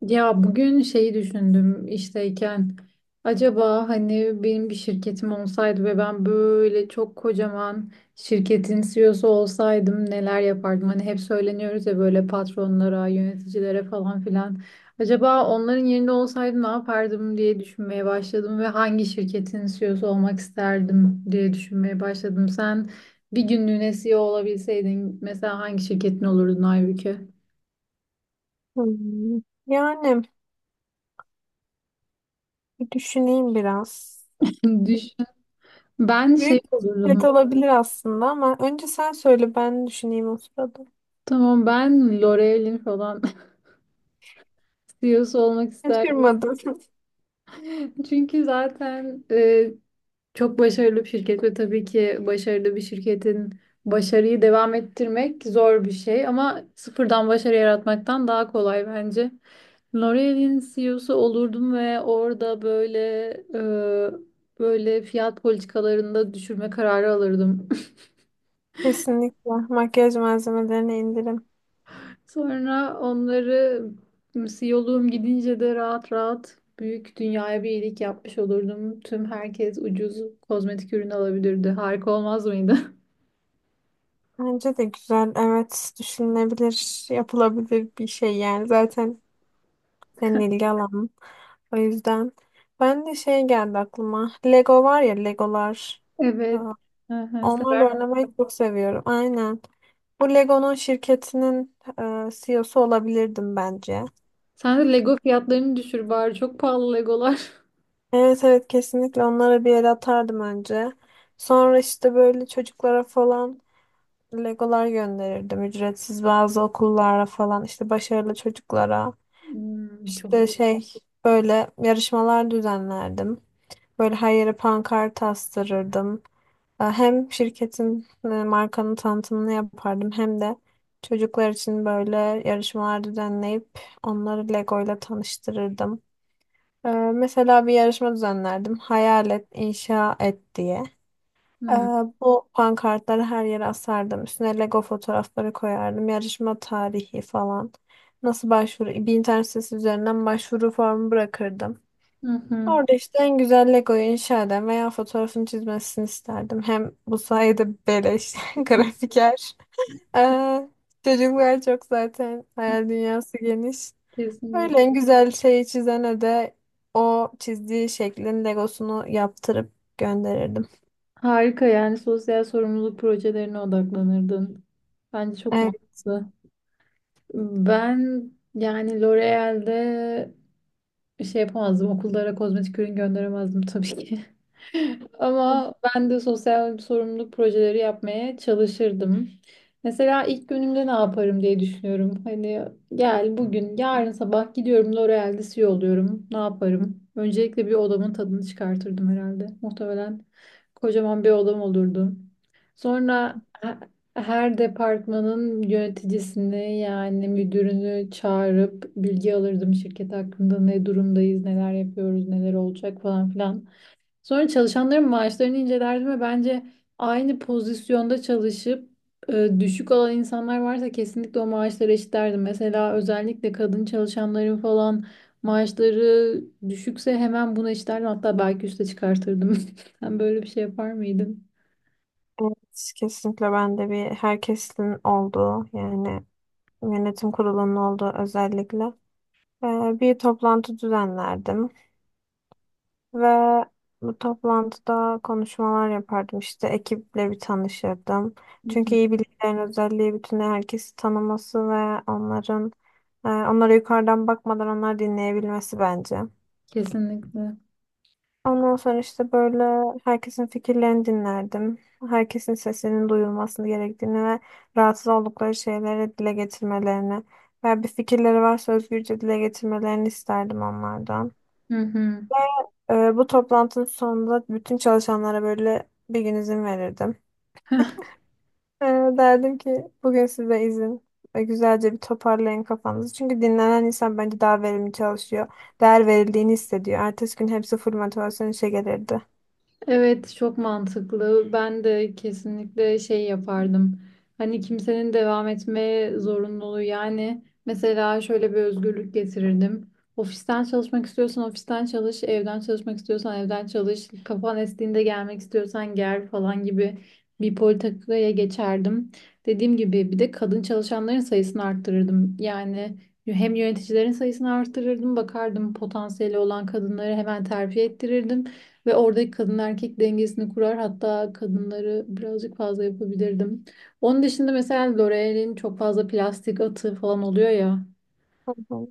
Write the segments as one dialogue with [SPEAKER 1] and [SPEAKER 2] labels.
[SPEAKER 1] Ya bugün şeyi düşündüm işteyken acaba hani benim bir şirketim olsaydı ve ben böyle çok kocaman şirketin CEO'su olsaydım neler yapardım? Hani hep söyleniyoruz ya böyle patronlara, yöneticilere falan filan. Acaba onların yerinde olsaydım ne yapardım diye düşünmeye başladım ve hangi şirketin CEO'su olmak isterdim diye düşünmeye başladım. Sen bir günlüğüne CEO olabilseydin mesela hangi şirketin olurdun Aybüke?
[SPEAKER 2] Hmm, Yani bir düşüneyim biraz.
[SPEAKER 1] Düşün. Ben şey
[SPEAKER 2] Büyük bisiklet
[SPEAKER 1] olurdum.
[SPEAKER 2] olabilir aslında ama önce sen söyle ben düşüneyim o sırada.
[SPEAKER 1] Tamam ben L'Oreal'in falan CEO'su olmak isterdim.
[SPEAKER 2] Şaşırmadım.
[SPEAKER 1] Çünkü zaten çok başarılı bir şirket ve tabii ki başarılı bir şirketin başarıyı devam ettirmek zor bir şey ama sıfırdan başarı yaratmaktan daha kolay bence. L'Oreal'in CEO'su olurdum ve orada böyle fiyat politikalarında düşürme kararı alırdım.
[SPEAKER 2] Kesinlikle makyaj malzemelerine indirim.
[SPEAKER 1] Sonra onları yolum gidince de rahat rahat büyük dünyaya bir iyilik yapmış olurdum. Tüm herkes ucuz kozmetik ürün alabilirdi. Harika olmaz mıydı?
[SPEAKER 2] Bence de güzel. Evet, düşünülebilir, yapılabilir bir şey yani. Zaten senin ilgi alanın. O yüzden ben de şey geldi aklıma. Lego var ya, Legolar.
[SPEAKER 1] Evet.
[SPEAKER 2] Aa,
[SPEAKER 1] Hı hı,
[SPEAKER 2] Onlarla
[SPEAKER 1] sever.
[SPEAKER 2] oynamayı çok seviyorum. Aynen. Bu Lego'nun şirketinin CEO'su olabilirdim bence.
[SPEAKER 1] Sen de Lego fiyatlarını düşür bari. Çok pahalı Legolar.
[SPEAKER 2] Evet, evet, kesinlikle onlara bir el atardım önce. Sonra işte böyle çocuklara falan Legolar gönderirdim. Ücretsiz bazı okullara falan, işte başarılı çocuklara.
[SPEAKER 1] Hmm, çok
[SPEAKER 2] İşte
[SPEAKER 1] iyi.
[SPEAKER 2] şey, böyle yarışmalar düzenlerdim. Böyle her yere pankart astırırdım. Hem şirketin, markanın tanıtımını yapardım, hem de çocuklar için böyle yarışmalar düzenleyip onları Lego ile tanıştırırdım. Mesela bir yarışma düzenlerdim. Hayal et, inşa et diye. E,
[SPEAKER 1] Hmm.
[SPEAKER 2] Bu pankartları her yere asardım. Üstüne Lego fotoğrafları koyardım. Yarışma tarihi falan. Nasıl başvuru? Bir internet sitesi üzerinden başvuru formu bırakırdım.
[SPEAKER 1] Hı hı.
[SPEAKER 2] Orada işte en güzel Lego'yu inşa eden veya fotoğrafını çizmesini isterdim. Hem bu sayede beleş grafiker. Ee, çocuklar çok zaten hayal dünyası geniş. Öyle en
[SPEAKER 1] Kesinlikle.
[SPEAKER 2] güzel şeyi çizene de o çizdiği şeklin Legosunu yaptırıp gönderirdim.
[SPEAKER 1] Harika yani sosyal sorumluluk projelerine odaklanırdın. Bence çok
[SPEAKER 2] Evet.
[SPEAKER 1] mantıklı. Ben yani L'Oreal'de bir şey yapamazdım. Okullara kozmetik ürün gönderemezdim tabii ki. Ama ben de sosyal sorumluluk projeleri yapmaya çalışırdım. Mesela ilk günümde ne yaparım diye düşünüyorum. Hani gel bugün, yarın sabah gidiyorum L'Oreal'de CEO oluyorum. Ne yaparım? Öncelikle bir odamın tadını çıkartırdım herhalde. Muhtemelen kocaman bir odam olurdu. Sonra her departmanın yöneticisini yani müdürünü çağırıp bilgi alırdım şirket hakkında ne durumdayız, neler yapıyoruz, neler olacak falan filan. Sonra çalışanların maaşlarını inceledim ve bence aynı pozisyonda çalışıp düşük alan insanlar varsa kesinlikle o maaşları eşitlerdim. Mesela özellikle kadın çalışanların falan maaşları düşükse hemen bunu eşitlerdim. Hatta belki üste çıkartırdım. Sen böyle bir şey yapar mıydın?
[SPEAKER 2] Evet, kesinlikle ben de bir herkesin olduğu, yani yönetim kurulunun olduğu özellikle bir toplantı düzenlerdim. Ve bu toplantıda konuşmalar yapardım. İşte ekiple bir tanışırdım.
[SPEAKER 1] Hı
[SPEAKER 2] Çünkü
[SPEAKER 1] hı.
[SPEAKER 2] iyi bilgilerin özelliği bütün herkesi tanıması ve onlara yukarıdan bakmadan onları dinleyebilmesi bence.
[SPEAKER 1] Kesinlikle.
[SPEAKER 2] Ondan sonra işte böyle herkesin fikirlerini dinlerdim. Herkesin sesinin duyulmasını gerektiğini ve rahatsız oldukları şeyleri dile getirmelerini veya bir fikirleri varsa özgürce dile getirmelerini isterdim onlardan.
[SPEAKER 1] Hı hı.
[SPEAKER 2] Bu toplantının sonunda bütün çalışanlara böyle bir gün izin verirdim. Ee, derdim ki bugün size izin ve güzelce bir toparlayın kafanızı. Çünkü dinlenen insan bence daha verimli çalışıyor. Değer verildiğini hissediyor. Ertesi gün hepsi full motivasyon işe gelirdi.
[SPEAKER 1] Evet, çok mantıklı. Ben de kesinlikle şey yapardım. Hani kimsenin devam etmeye zorunluluğu yani mesela şöyle bir özgürlük getirirdim. Ofisten çalışmak istiyorsan ofisten çalış, evden çalışmak istiyorsan evden çalış, kafan estiğinde gelmek istiyorsan gel falan gibi bir politikaya geçerdim. Dediğim gibi bir de kadın çalışanların sayısını arttırırdım. Yani hem yöneticilerin sayısını arttırırdım, bakardım potansiyeli olan kadınları hemen terfi ettirirdim. Ve oradaki kadın erkek dengesini kurar. Hatta kadınları birazcık fazla yapabilirdim. Onun dışında mesela L'Oreal'in çok fazla plastik atığı falan oluyor ya.
[SPEAKER 2] Hı hı.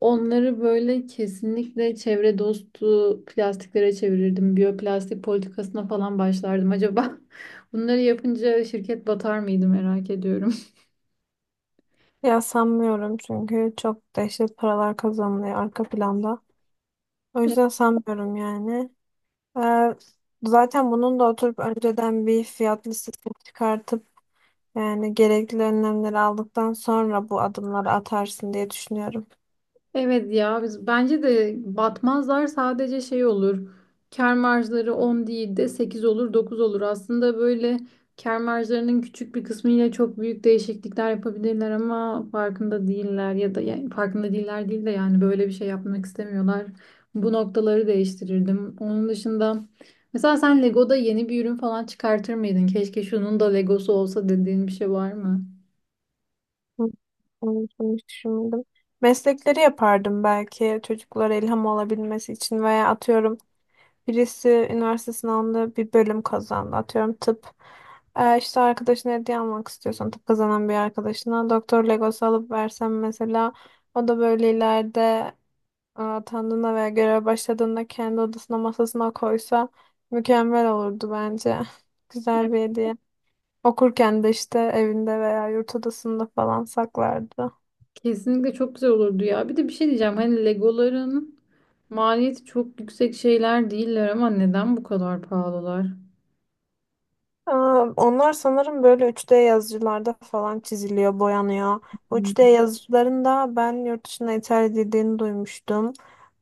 [SPEAKER 1] Onları böyle kesinlikle çevre dostu plastiklere çevirirdim. Biyoplastik politikasına falan başlardım. Acaba bunları yapınca şirket batar mıydı merak ediyorum.
[SPEAKER 2] Ya sanmıyorum, çünkü çok dehşet paralar kazanılıyor arka planda. O yüzden sanmıyorum yani. Ee, zaten bunun da oturup önceden bir fiyat listesini çıkartıp yani gerekli önlemleri aldıktan sonra bu adımları atarsın diye düşünüyorum.
[SPEAKER 1] Evet ya, biz bence de batmazlar, sadece şey olur. Kâr marjları 10 değil de 8 olur, 9 olur. Aslında böyle kâr marjlarının küçük bir kısmıyla çok büyük değişiklikler yapabilirler ama farkında değiller ya da yani farkında değiller değil de yani böyle bir şey yapmak istemiyorlar. Bu noktaları değiştirirdim. Onun dışında mesela sen Lego'da yeni bir ürün falan çıkartır mıydın? Keşke şunun da Legosu olsa dediğin bir şey var mı?
[SPEAKER 2] Hı, Onun hiç düşünmedim. Meslekleri yapardım belki çocuklara ilham olabilmesi için, veya atıyorum birisi üniversite sınavında bir bölüm kazandı. Atıyorum tıp. İşte arkadaşına hediye almak istiyorsan tıp kazanan bir arkadaşına doktor legosu alıp versem mesela, o da böyle ileride atandığında veya göreve başladığında kendi odasına masasına koysa mükemmel olurdu bence. Güzel bir hediye. Okurken de işte evinde veya yurt odasında falan saklardı.
[SPEAKER 1] Kesinlikle çok güzel olurdu ya. Bir de bir şey diyeceğim. Hani Legoların maliyeti çok yüksek şeyler değiller ama neden bu kadar pahalılar?
[SPEAKER 2] Onlar sanırım böyle 3D yazıcılarda falan çiziliyor, boyanıyor. Bu 3D
[SPEAKER 1] Hmm.
[SPEAKER 2] yazıcıların da ben yurt dışına ithal edildiğini duymuştum.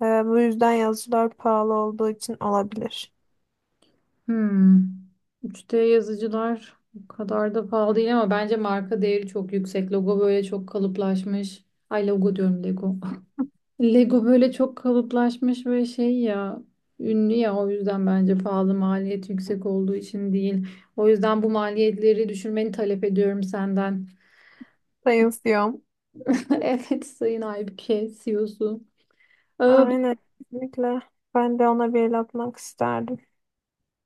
[SPEAKER 2] Bu yüzden yazıcılar pahalı olduğu için olabilir.
[SPEAKER 1] Hmm. 3D yazıcılar bu kadar da pahalı değil ama bence marka değeri çok yüksek. Logo böyle çok kalıplaşmış. Ay logo diyorum, Lego. Lego böyle çok kalıplaşmış ve şey ya, ünlü ya, o yüzden bence pahalı, maliyet yüksek olduğu için değil. O yüzden bu maliyetleri düşürmeni talep ediyorum senden.
[SPEAKER 2] Sayın.
[SPEAKER 1] Evet Sayın Aybüke CEO'su. Ee,
[SPEAKER 2] Aynen, kesinlikle. Ben de ona bir el atmak isterdim.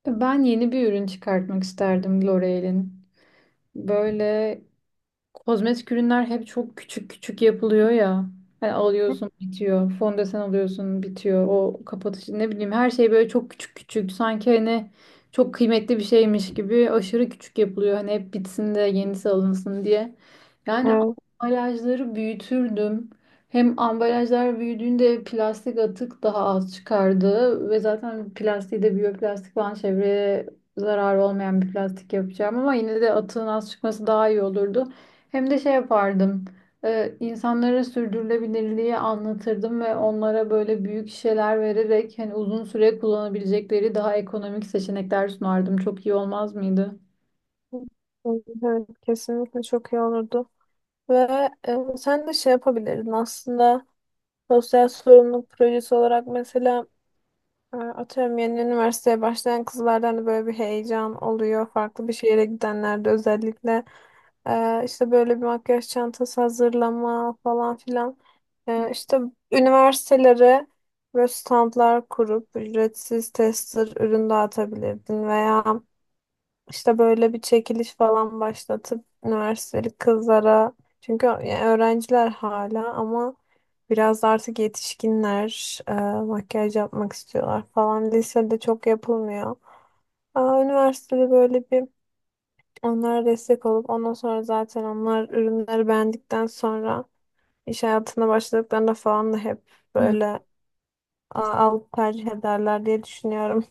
[SPEAKER 1] Ben yeni bir ürün çıkartmak isterdim L'Oreal'in. Böyle kozmetik ürünler hep çok küçük küçük yapılıyor ya. Hani alıyorsun bitiyor. Fondöten alıyorsun bitiyor. O kapatıcı ne bileyim, her şey böyle çok küçük küçük. Sanki hani çok kıymetli bir şeymiş gibi aşırı küçük yapılıyor. Hani hep bitsin de yenisi alınsın diye. Yani
[SPEAKER 2] Evet,
[SPEAKER 1] ambalajları büyütürdüm. Hem ambalajlar büyüdüğünde plastik atık daha az çıkardı. Ve zaten plastiği de biyoplastik falan, çevreye zararı olmayan bir plastik yapacağım. Ama yine de atığın az çıkması daha iyi olurdu. Hem de şey yapardım. E, insanlara sürdürülebilirliği anlatırdım ve onlara böyle büyük şişeler vererek hani uzun süre kullanabilecekleri daha ekonomik seçenekler sunardım. Çok iyi olmaz mıydı?
[SPEAKER 2] evet kesinlikle çok iyi olurdu. Ve sen de şey yapabilirdin aslında, sosyal sorumluluk projesi olarak mesela. Atıyorum yeni üniversiteye başlayan kızlardan da böyle bir heyecan oluyor. Farklı bir şehire gidenlerde özellikle. İşte böyle bir makyaj çantası hazırlama falan filan.
[SPEAKER 1] Hı.
[SPEAKER 2] İşte üniversitelere böyle standlar kurup ücretsiz tester ürün dağıtabilirdin, veya işte böyle bir çekiliş falan başlatıp üniversiteli kızlara, çünkü yani öğrenciler hala ama biraz da artık yetişkinler makyaj yapmak istiyorlar falan. Lisede çok yapılmıyor. Üniversitede böyle bir, onlara destek olup ondan sonra zaten onlar ürünleri beğendikten sonra iş hayatına başladıklarında falan da hep böyle, aa, alıp tercih ederler diye düşünüyorum.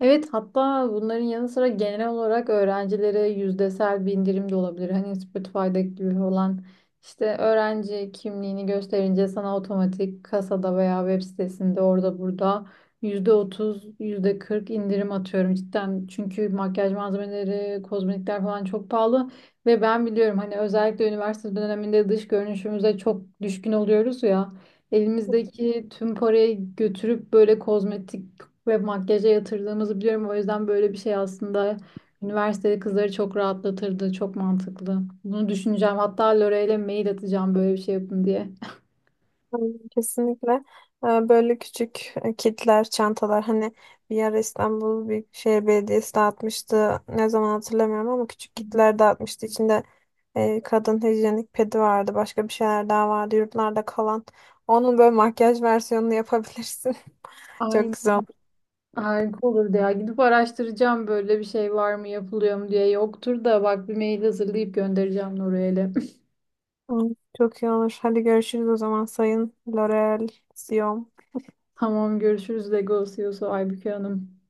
[SPEAKER 1] Evet, hatta bunların yanı sıra genel olarak öğrencilere yüzdesel bir indirim de olabilir. Hani Spotify'daki gibi olan işte öğrenci kimliğini gösterince sana otomatik kasada veya web sitesinde orada burada %30, yüzde kırk indirim, atıyorum, cidden. Çünkü makyaj malzemeleri, kozmetikler falan çok pahalı ve ben biliyorum hani özellikle üniversite döneminde dış görünüşümüze çok düşkün oluyoruz ya. Elimizdeki tüm parayı götürüp böyle kozmetik ve makyaja yatırdığımızı biliyorum. O yüzden böyle bir şey aslında üniversitede kızları çok rahatlatırdı. Çok mantıklı. Bunu düşüneceğim. Hatta Lore'yle mail atacağım böyle bir şey yapın diye.
[SPEAKER 2] Aynen, kesinlikle. Böyle küçük kitler, çantalar hani bir ara İstanbul Büyükşehir Belediyesi dağıtmıştı. Ne zaman hatırlamıyorum ama küçük kitler dağıtmıştı. İçinde kadın hijyenik pedi vardı. Başka bir şeyler daha vardı. Yurtlarda kalan. Onun böyle makyaj versiyonunu yapabilirsin. Çok
[SPEAKER 1] Aynen.
[SPEAKER 2] güzel olur.
[SPEAKER 1] Harika olurdu ya. Gidip araştıracağım böyle bir şey var mı, yapılıyor mu diye. Yoktur da bak, bir mail hazırlayıp göndereceğim Lore'yle.
[SPEAKER 2] Hı, Çok iyi olur. Hadi görüşürüz o zaman Sayın L'Oreal Sion.
[SPEAKER 1] Tamam, görüşürüz Legos Yosu Aybüke Hanım.